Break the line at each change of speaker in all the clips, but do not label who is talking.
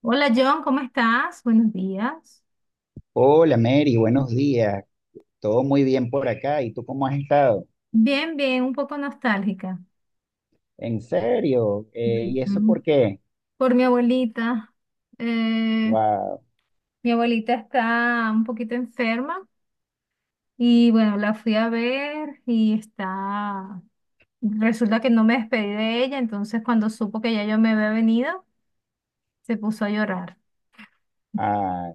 Hola John, ¿cómo estás? Buenos días.
Hola Mary, buenos días. Todo muy bien por acá. ¿Y tú cómo has estado?
Bien, bien, un poco nostálgica.
¿En serio? ¿Y eso por
Ujú.
qué?
Por mi abuelita. Eh,
Wow.
mi abuelita está un poquito enferma y bueno, la fui a ver y está. Resulta que no me despedí de ella, entonces cuando supo que ya yo me había venido, se puso a llorar.
Ah,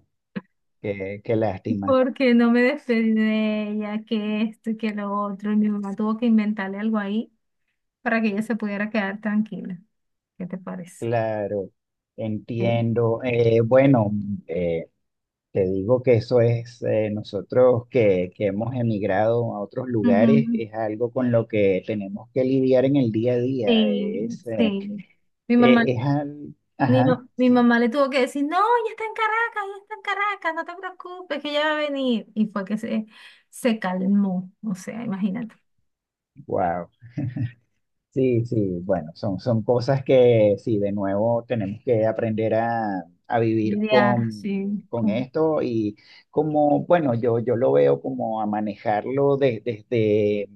qué lástima.
Porque no me despedí de ella, que esto y que lo otro. Y mi mamá tuvo que inventarle algo ahí para que ella se pudiera quedar tranquila. ¿Qué te parece?
Claro,
Sí.
entiendo. Bueno, eh, te digo que eso es, nosotros que hemos emigrado a otros lugares,
Ujú.
es algo con lo que tenemos que lidiar en el día a día.
Sí, sí. Mi mamá,
Es al...
mi,
Ajá,
ma- mi
sí.
mamá le tuvo que decir, no, ella está en Caracas, ella está en Caracas, no te preocupes, que ella va a venir. Y fue que se calmó, o sea, imagínate.
Wow. Sí, sí, bueno, son cosas que sí, de nuevo tenemos que aprender a vivir
Lidiar, sí.
con
con-
esto y como, bueno, yo lo veo como a manejarlo desde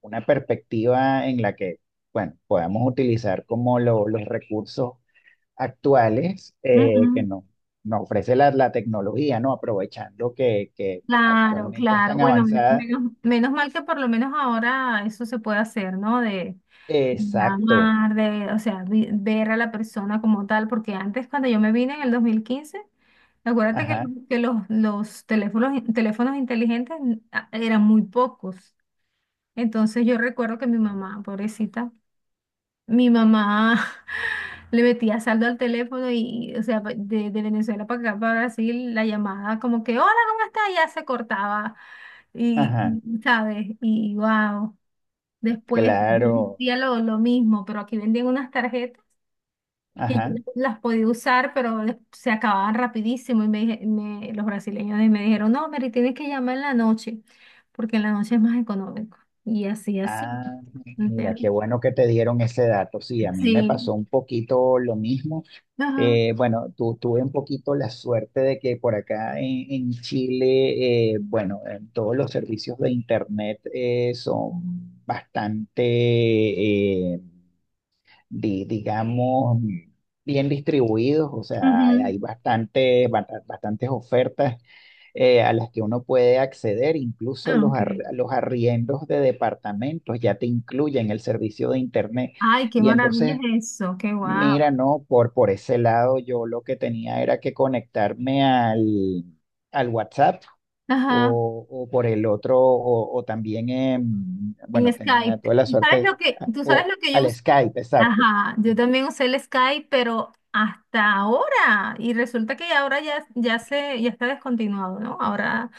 una perspectiva en la que, bueno, podamos utilizar como los recursos actuales que
Ujú.
nos ofrece la tecnología, ¿no? Aprovechando que
Claro,
actualmente es
claro.
tan
Bueno, men-
avanzada.
menos, menos mal que por lo menos ahora eso se puede hacer, ¿no? De
Exacto,
llamar, o sea, ver a la persona como tal, porque antes cuando yo me vine en el 2015, acuérdate que,
ajá,
que los teléfonos, teléfonos inteligentes eran muy pocos. Entonces yo recuerdo que mi mamá, pobrecita, mi mamá le metía saldo al teléfono y, o sea, de Venezuela para acá, para Brasil, la llamada como que, hola, ¿cómo estás? Y ya se cortaba. Y,
ajá,
y, ¿sabes? Y, wow. Después yo
claro.
hacía lo mismo, pero aquí vendían unas tarjetas que yo
Ajá.
las podía usar, pero se acababan rapidísimo. Y los brasileños me dijeron, no, Mary, tienes que llamar en la noche, porque en la noche es más económico. Y así, así.
Ah, mira,
¿Entiendes?
qué bueno que te dieron ese dato. Sí, a mí me
Sí.
pasó un poquito lo mismo.
Ajá.
Bueno, tuve un poquito la suerte de que por acá en Chile, bueno, todos los servicios de Internet son bastante, eh, digamos, bien distribuidos, o sea, hay
Ujú.
hay bastante, bastantes ofertas a las que uno puede acceder, incluso
Ah,
los,
ok.
los arriendos de departamentos ya te incluyen el servicio de internet.
Ay, qué
Y
maravilla
entonces,
es eso, qué guau.
mira, no, por ese lado yo lo que tenía era que conectarme al WhatsApp.
Ajá,
O por el otro, o también,
en
bueno, tenía
Skype.
toda la
¿Tú sabes
suerte, ah, o
lo que yo
al
usé?
Skype, exacto.
Ajá, yo también usé el Skype, pero hasta ahora. Y resulta que ahora ya, ya se, ya está descontinuado, ¿no? Ahora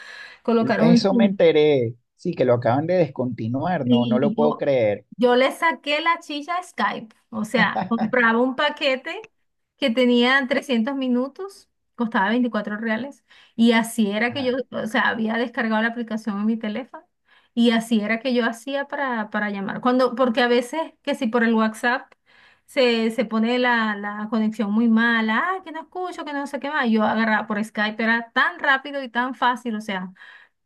colocaron.
Eso me enteré. Sí, que lo acaban de descontinuar, no, no lo
Y
puedo
yo,
creer.
yo le saqué la chicha a Skype. O sea, compraba un paquete que tenía 300 minutos, costaba 24 reales. Y así era que yo,
Ajá,
o sea, había descargado la aplicación en mi teléfono. Y así era que yo hacía para llamar. Cuando, porque a veces, que si por el WhatsApp se pone la conexión muy mala, ah, que no escucho, que no sé qué más. Yo agarraba por Skype, era tan rápido y tan fácil, o sea.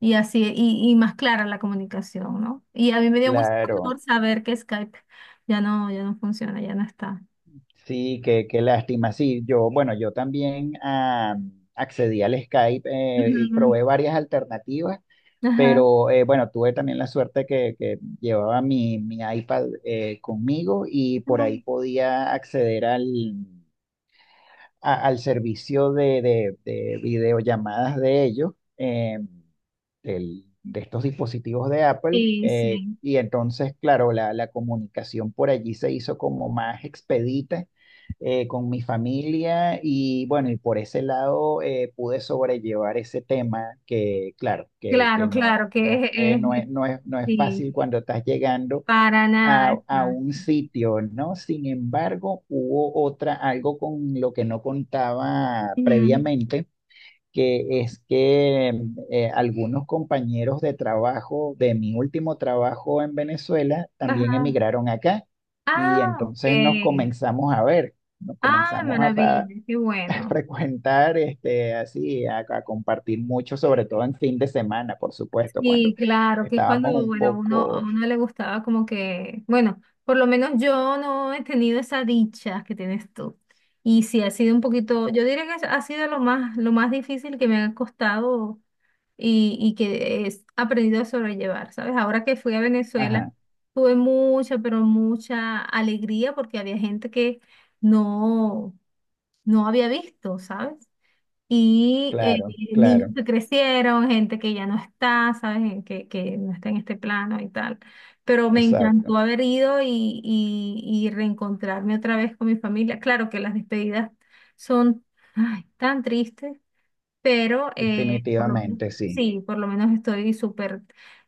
Y así, y más clara la comunicación, ¿no? Y a mí me dio mucho
claro.
dolor saber que Skype ya no, ya no funciona, ya no está.
Sí, qué, qué lástima. Sí, yo, bueno, yo también ah, accedí al Skype, y
Ujú.
probé varias alternativas,
Ajá.
pero bueno, tuve también la suerte que llevaba mi, mi iPad conmigo y por ahí podía acceder al servicio de, de videollamadas de ellos, de estos dispositivos de Apple.
Sí, sí.
Y entonces, claro, la comunicación por allí se hizo como más expedita con mi familia y bueno, y por ese lado pude sobrellevar ese tema que, claro,
Claro,
que no,
claro, que
no, no es, no es, no es
sí,
fácil cuando estás llegando
para nada es
a un
fácil.
sitio, ¿no? Sin embargo, hubo otra, algo con lo que no contaba
Ujú.
previamente, que es que algunos compañeros de trabajo, de mi último trabajo en Venezuela, también
Ajá.
emigraron acá y
Ah, ok.
entonces nos comenzamos a ver, nos
Ah,
comenzamos a, fra-
maravilla, qué
a
bueno.
frecuentar, este, así, a compartir mucho, sobre todo en fin de semana, por supuesto, cuando
Y claro, que es
estábamos
cuando,
un
bueno, uno, a
poco,
uno le gustaba como que, bueno, por lo menos yo no he tenido esa dicha que tienes tú. Y sí, ha sido un poquito, yo diría que ha sido lo más difícil que me ha costado y que he aprendido a sobrellevar, ¿sabes? Ahora que fui a Venezuela,
ajá,
tuve mucha, pero mucha alegría porque había gente que no, no había visto, ¿sabes? Y
claro,
niños
claro.
que crecieron, gente que ya no está, ¿sabes? Que no está en este plano y tal. Pero me
Exacto,
encantó haber ido y reencontrarme otra vez con mi familia. Claro que las despedidas son ay, tan tristes, pero por lo menos,
definitivamente sí.
sí, por lo menos estoy súper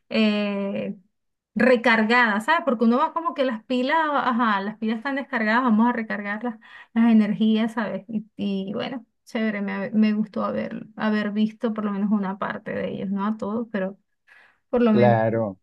eh, recargada, ¿sabes? Porque uno va como que las pilas, ajá, las pilas están descargadas, vamos a recargar las energías, ¿sabes? Y bueno, chévere, me gustó haber visto por lo menos una parte de ellos, no a todos, pero por lo menos.
Claro,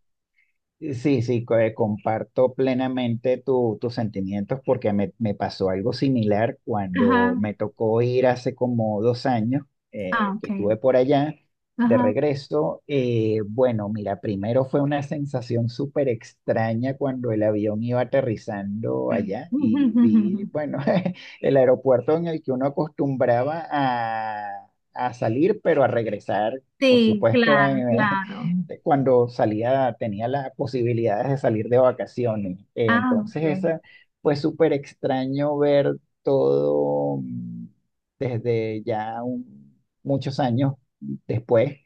Sí, sí, comparto plenamente tus sentimientos porque me pasó algo similar cuando
Ajá,
me tocó ir hace como 2 años
ah,
que
ok,
estuve por allá de
ajá.
regreso. Bueno, mira, primero fue una sensación súper extraña cuando el avión iba aterrizando allá y vi, bueno, el aeropuerto en el que uno acostumbraba a salir, pero a regresar, por
Sí,
supuesto,
claro,
en,
claro.
cuando salía, tenía las posibilidades de salir de vacaciones.
Ah,
Entonces,
ok.
esa fue súper extraño ver todo desde ya muchos años después.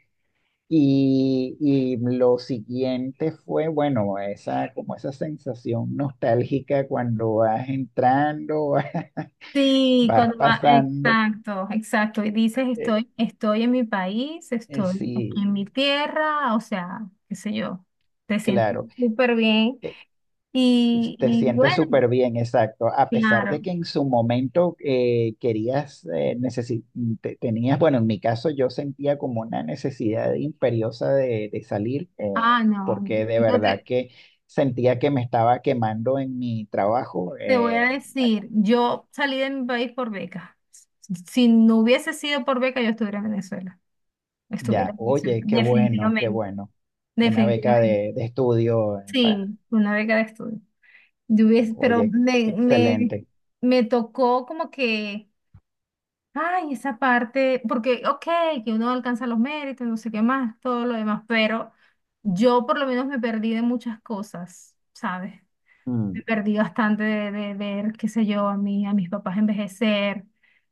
Y lo siguiente fue, bueno, esa, como esa sensación nostálgica cuando vas entrando,
Sí,
vas
cuando va,
pasando.
exacto, exacto. Y dices,
eh,
estoy en mi país, estoy aquí
sí,
en mi tierra, o sea, qué sé yo, te sientes
claro.
súper bien.
Eh,
Y,
Te
y
sientes
bueno,
súper bien, exacto. A pesar
claro.
de que en su momento querías, tenías, bueno, en mi caso yo sentía como una necesidad imperiosa de salir,
Ah, no,
porque de
yo
verdad
te,
que sentía que me estaba quemando en mi trabajo.
te voy a decir, yo salí de mi país por beca. Si no hubiese sido por beca, yo estuviera en Venezuela. Estuviera
Ya,
en Venezuela,
oye, qué bueno, qué
definitivamente,
bueno. Una beca
definitivamente.
de estudio, pa-
Sí, una beca de estudio.
oye,
Pero
ex-
me, me,
excelente.
me tocó como que, ay, esa parte, porque, ok, que uno alcanza los méritos, no sé qué más, todo lo demás, pero yo por lo menos me perdí de muchas cosas, ¿sabes? Me
Mm,
perdí bastante de ver, qué sé yo, a mis papás envejecer,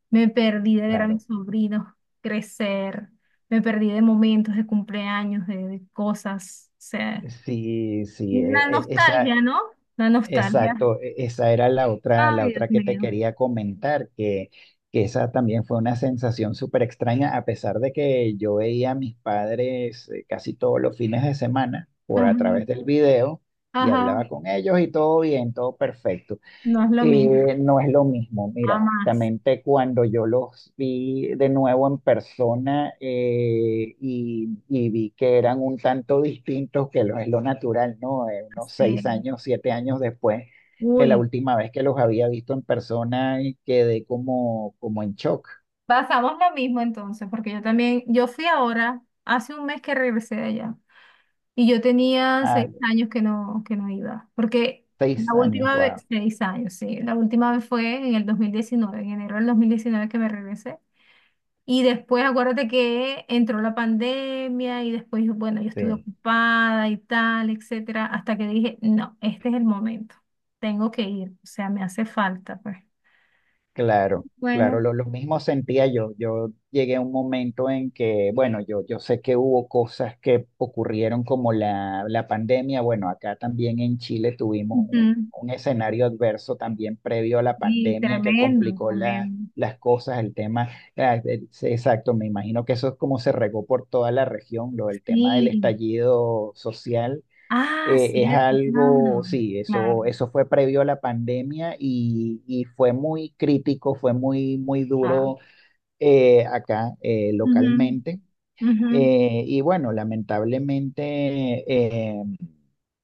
me perdí de ver a
claro.
mis sobrinos crecer, me perdí de momentos de cumpleaños, de cosas, o sea,
Sí, sí,
la
esa,
nostalgia, ¿no? La nostalgia.
exacto, esa era la
Ay, Dios
otra que te
mío.
quería comentar, que esa también fue una sensación súper extraña, a pesar de que yo veía a mis padres casi todos los fines de semana por
Ajá,
a través del video y
ajá,
hablaba con ellos y todo bien, todo perfecto.
no es lo mismo,
No es lo mismo. Mira,
jamás.
justamente cuando yo los vi de nuevo en persona y vi que eran un tanto distintos, que lo es lo natural, ¿no? Unos
Así es.
6 años, 7 años después de la
Uy,
última vez que los había visto en persona, y quedé como, como en shock.
pasamos lo mismo entonces, porque yo también, yo fui ahora, hace un mes que regresé de allá, y yo tenía seis
Ah,
años que no iba, porque la
6 años,
última
wow.
vez, 6 años, sí, la última vez fue en el 2019, en enero del 2019, que me regresé. Y después acuérdate que entró la pandemia y después, bueno, yo estuve ocupada y tal, etcétera, hasta que dije, no, este es el momento, tengo que ir, o sea, me hace falta, pues.
Claro, claro,
Bueno.
lo mismo sentía yo. Yo llegué a un momento en que, bueno, yo sé que hubo cosas que ocurrieron como la pandemia. Bueno, acá también en Chile tuvimos
Ujú.
un escenario adverso también previo a la
Y
pandemia que
tremendo,
complicó
tremendo.
las cosas, el tema, ah, sí, exacto, me imagino que eso es como se regó por toda la región, lo del tema del
Sí.
estallido social
Ah,
es
cierto,
algo,
claro,
sí,
claro.
eso fue previo a la pandemia y fue muy crítico, fue muy, muy
Ah.
duro acá
Ujú,
localmente.
ujú.
Y bueno, lamentablemente, eh,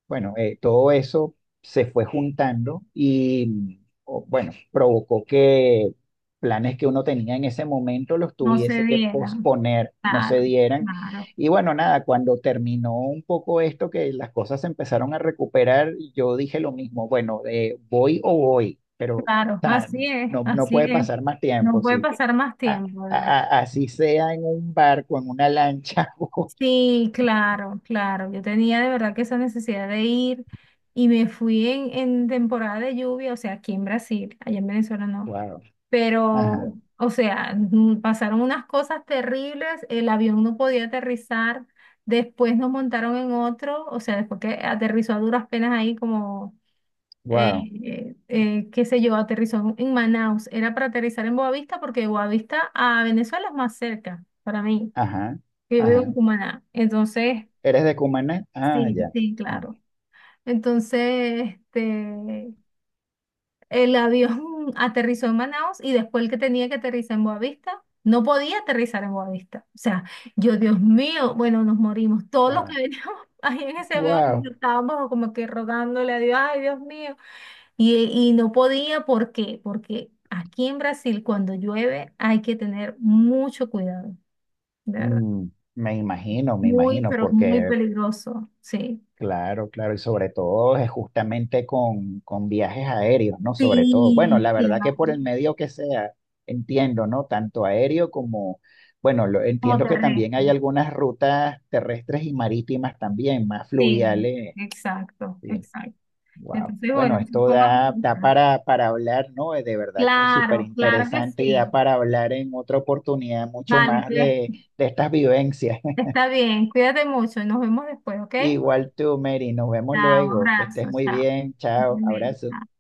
bueno, todo eso se fue juntando y, o- bueno, provocó que planes que uno tenía en ese momento los
No se
tuviese que
dieran.
posponer, no se
Claro,
dieran.
claro,
Y bueno, nada, cuando terminó un poco esto, que las cosas se empezaron a recuperar, yo dije lo mismo, bueno, voy o voy, pero o
claro.
sea,
Así es,
no, no
así
puede
es.
pasar más
No
tiempo,
puede
sí
pasar más
a-
tiempo, ¿verdad?
a- así sea en un barco, en una lancha.
Sí, claro, claro. Yo tenía de verdad que esa necesidad de ir y me fui en temporada de lluvia, o sea, aquí en Brasil, allá en Venezuela no.
Wow. Ajá.
Pero, o sea, pasaron unas cosas terribles, el avión no podía aterrizar, después nos montaron en otro, o sea, después que aterrizó a duras penas ahí como, eh,
Wow.
qué sé yo, aterrizó en Manaus. Era para aterrizar en Boavista porque Boavista a Venezuela es más cerca para mí
Ajá.
que yo vivo en
Ajá.
Cumaná. Entonces,
¿Eres de Cumaná? Ah,
sí,
ya.
sí, claro. Entonces, este, el avión aterrizó en Manaus y después el que tenía que aterrizar en Boavista, no podía aterrizar en Boavista. O sea, yo, Dios mío, bueno, nos morimos. Todos los que
Wow.
veníamos ahí en ese avión
Wow.
estábamos como que rogándole a Dios, ay, Dios mío. Y no podía, ¿por qué? Porque aquí en Brasil, cuando llueve, hay que tener mucho cuidado, de verdad.
Me imagino, me
Muy,
imagino,
pero muy
porque
peligroso, sí.
claro, claro, y sobre todo es justamente con viajes aéreos, ¿no? Sobre todo. Bueno,
Sí,
la verdad que por
claro,
el medio que sea, entiendo, ¿no? Tanto aéreo como, bueno, lo,
como
entiendo que también
terrestre.
hay algunas rutas terrestres y marítimas también, más
Sí,
fluviales.
exacto,
Sí,
exacto.
wow.
Entonces,
Bueno,
bueno, eso
esto
fue una
da, da
pregunta.
para hablar, ¿no? De verdad que es súper
Claro, claro que
interesante y da
sí.
para hablar en otra oportunidad mucho
Vale,
más
pues
de estas vivencias.
está bien. Cuídate mucho, nos vemos después, ¿ok?
Igual tú, Mary, nos vemos
Chao, un
luego. Que
abrazo,
estés muy
chao.
bien. Chao,
Bien,
abrazo.
chao.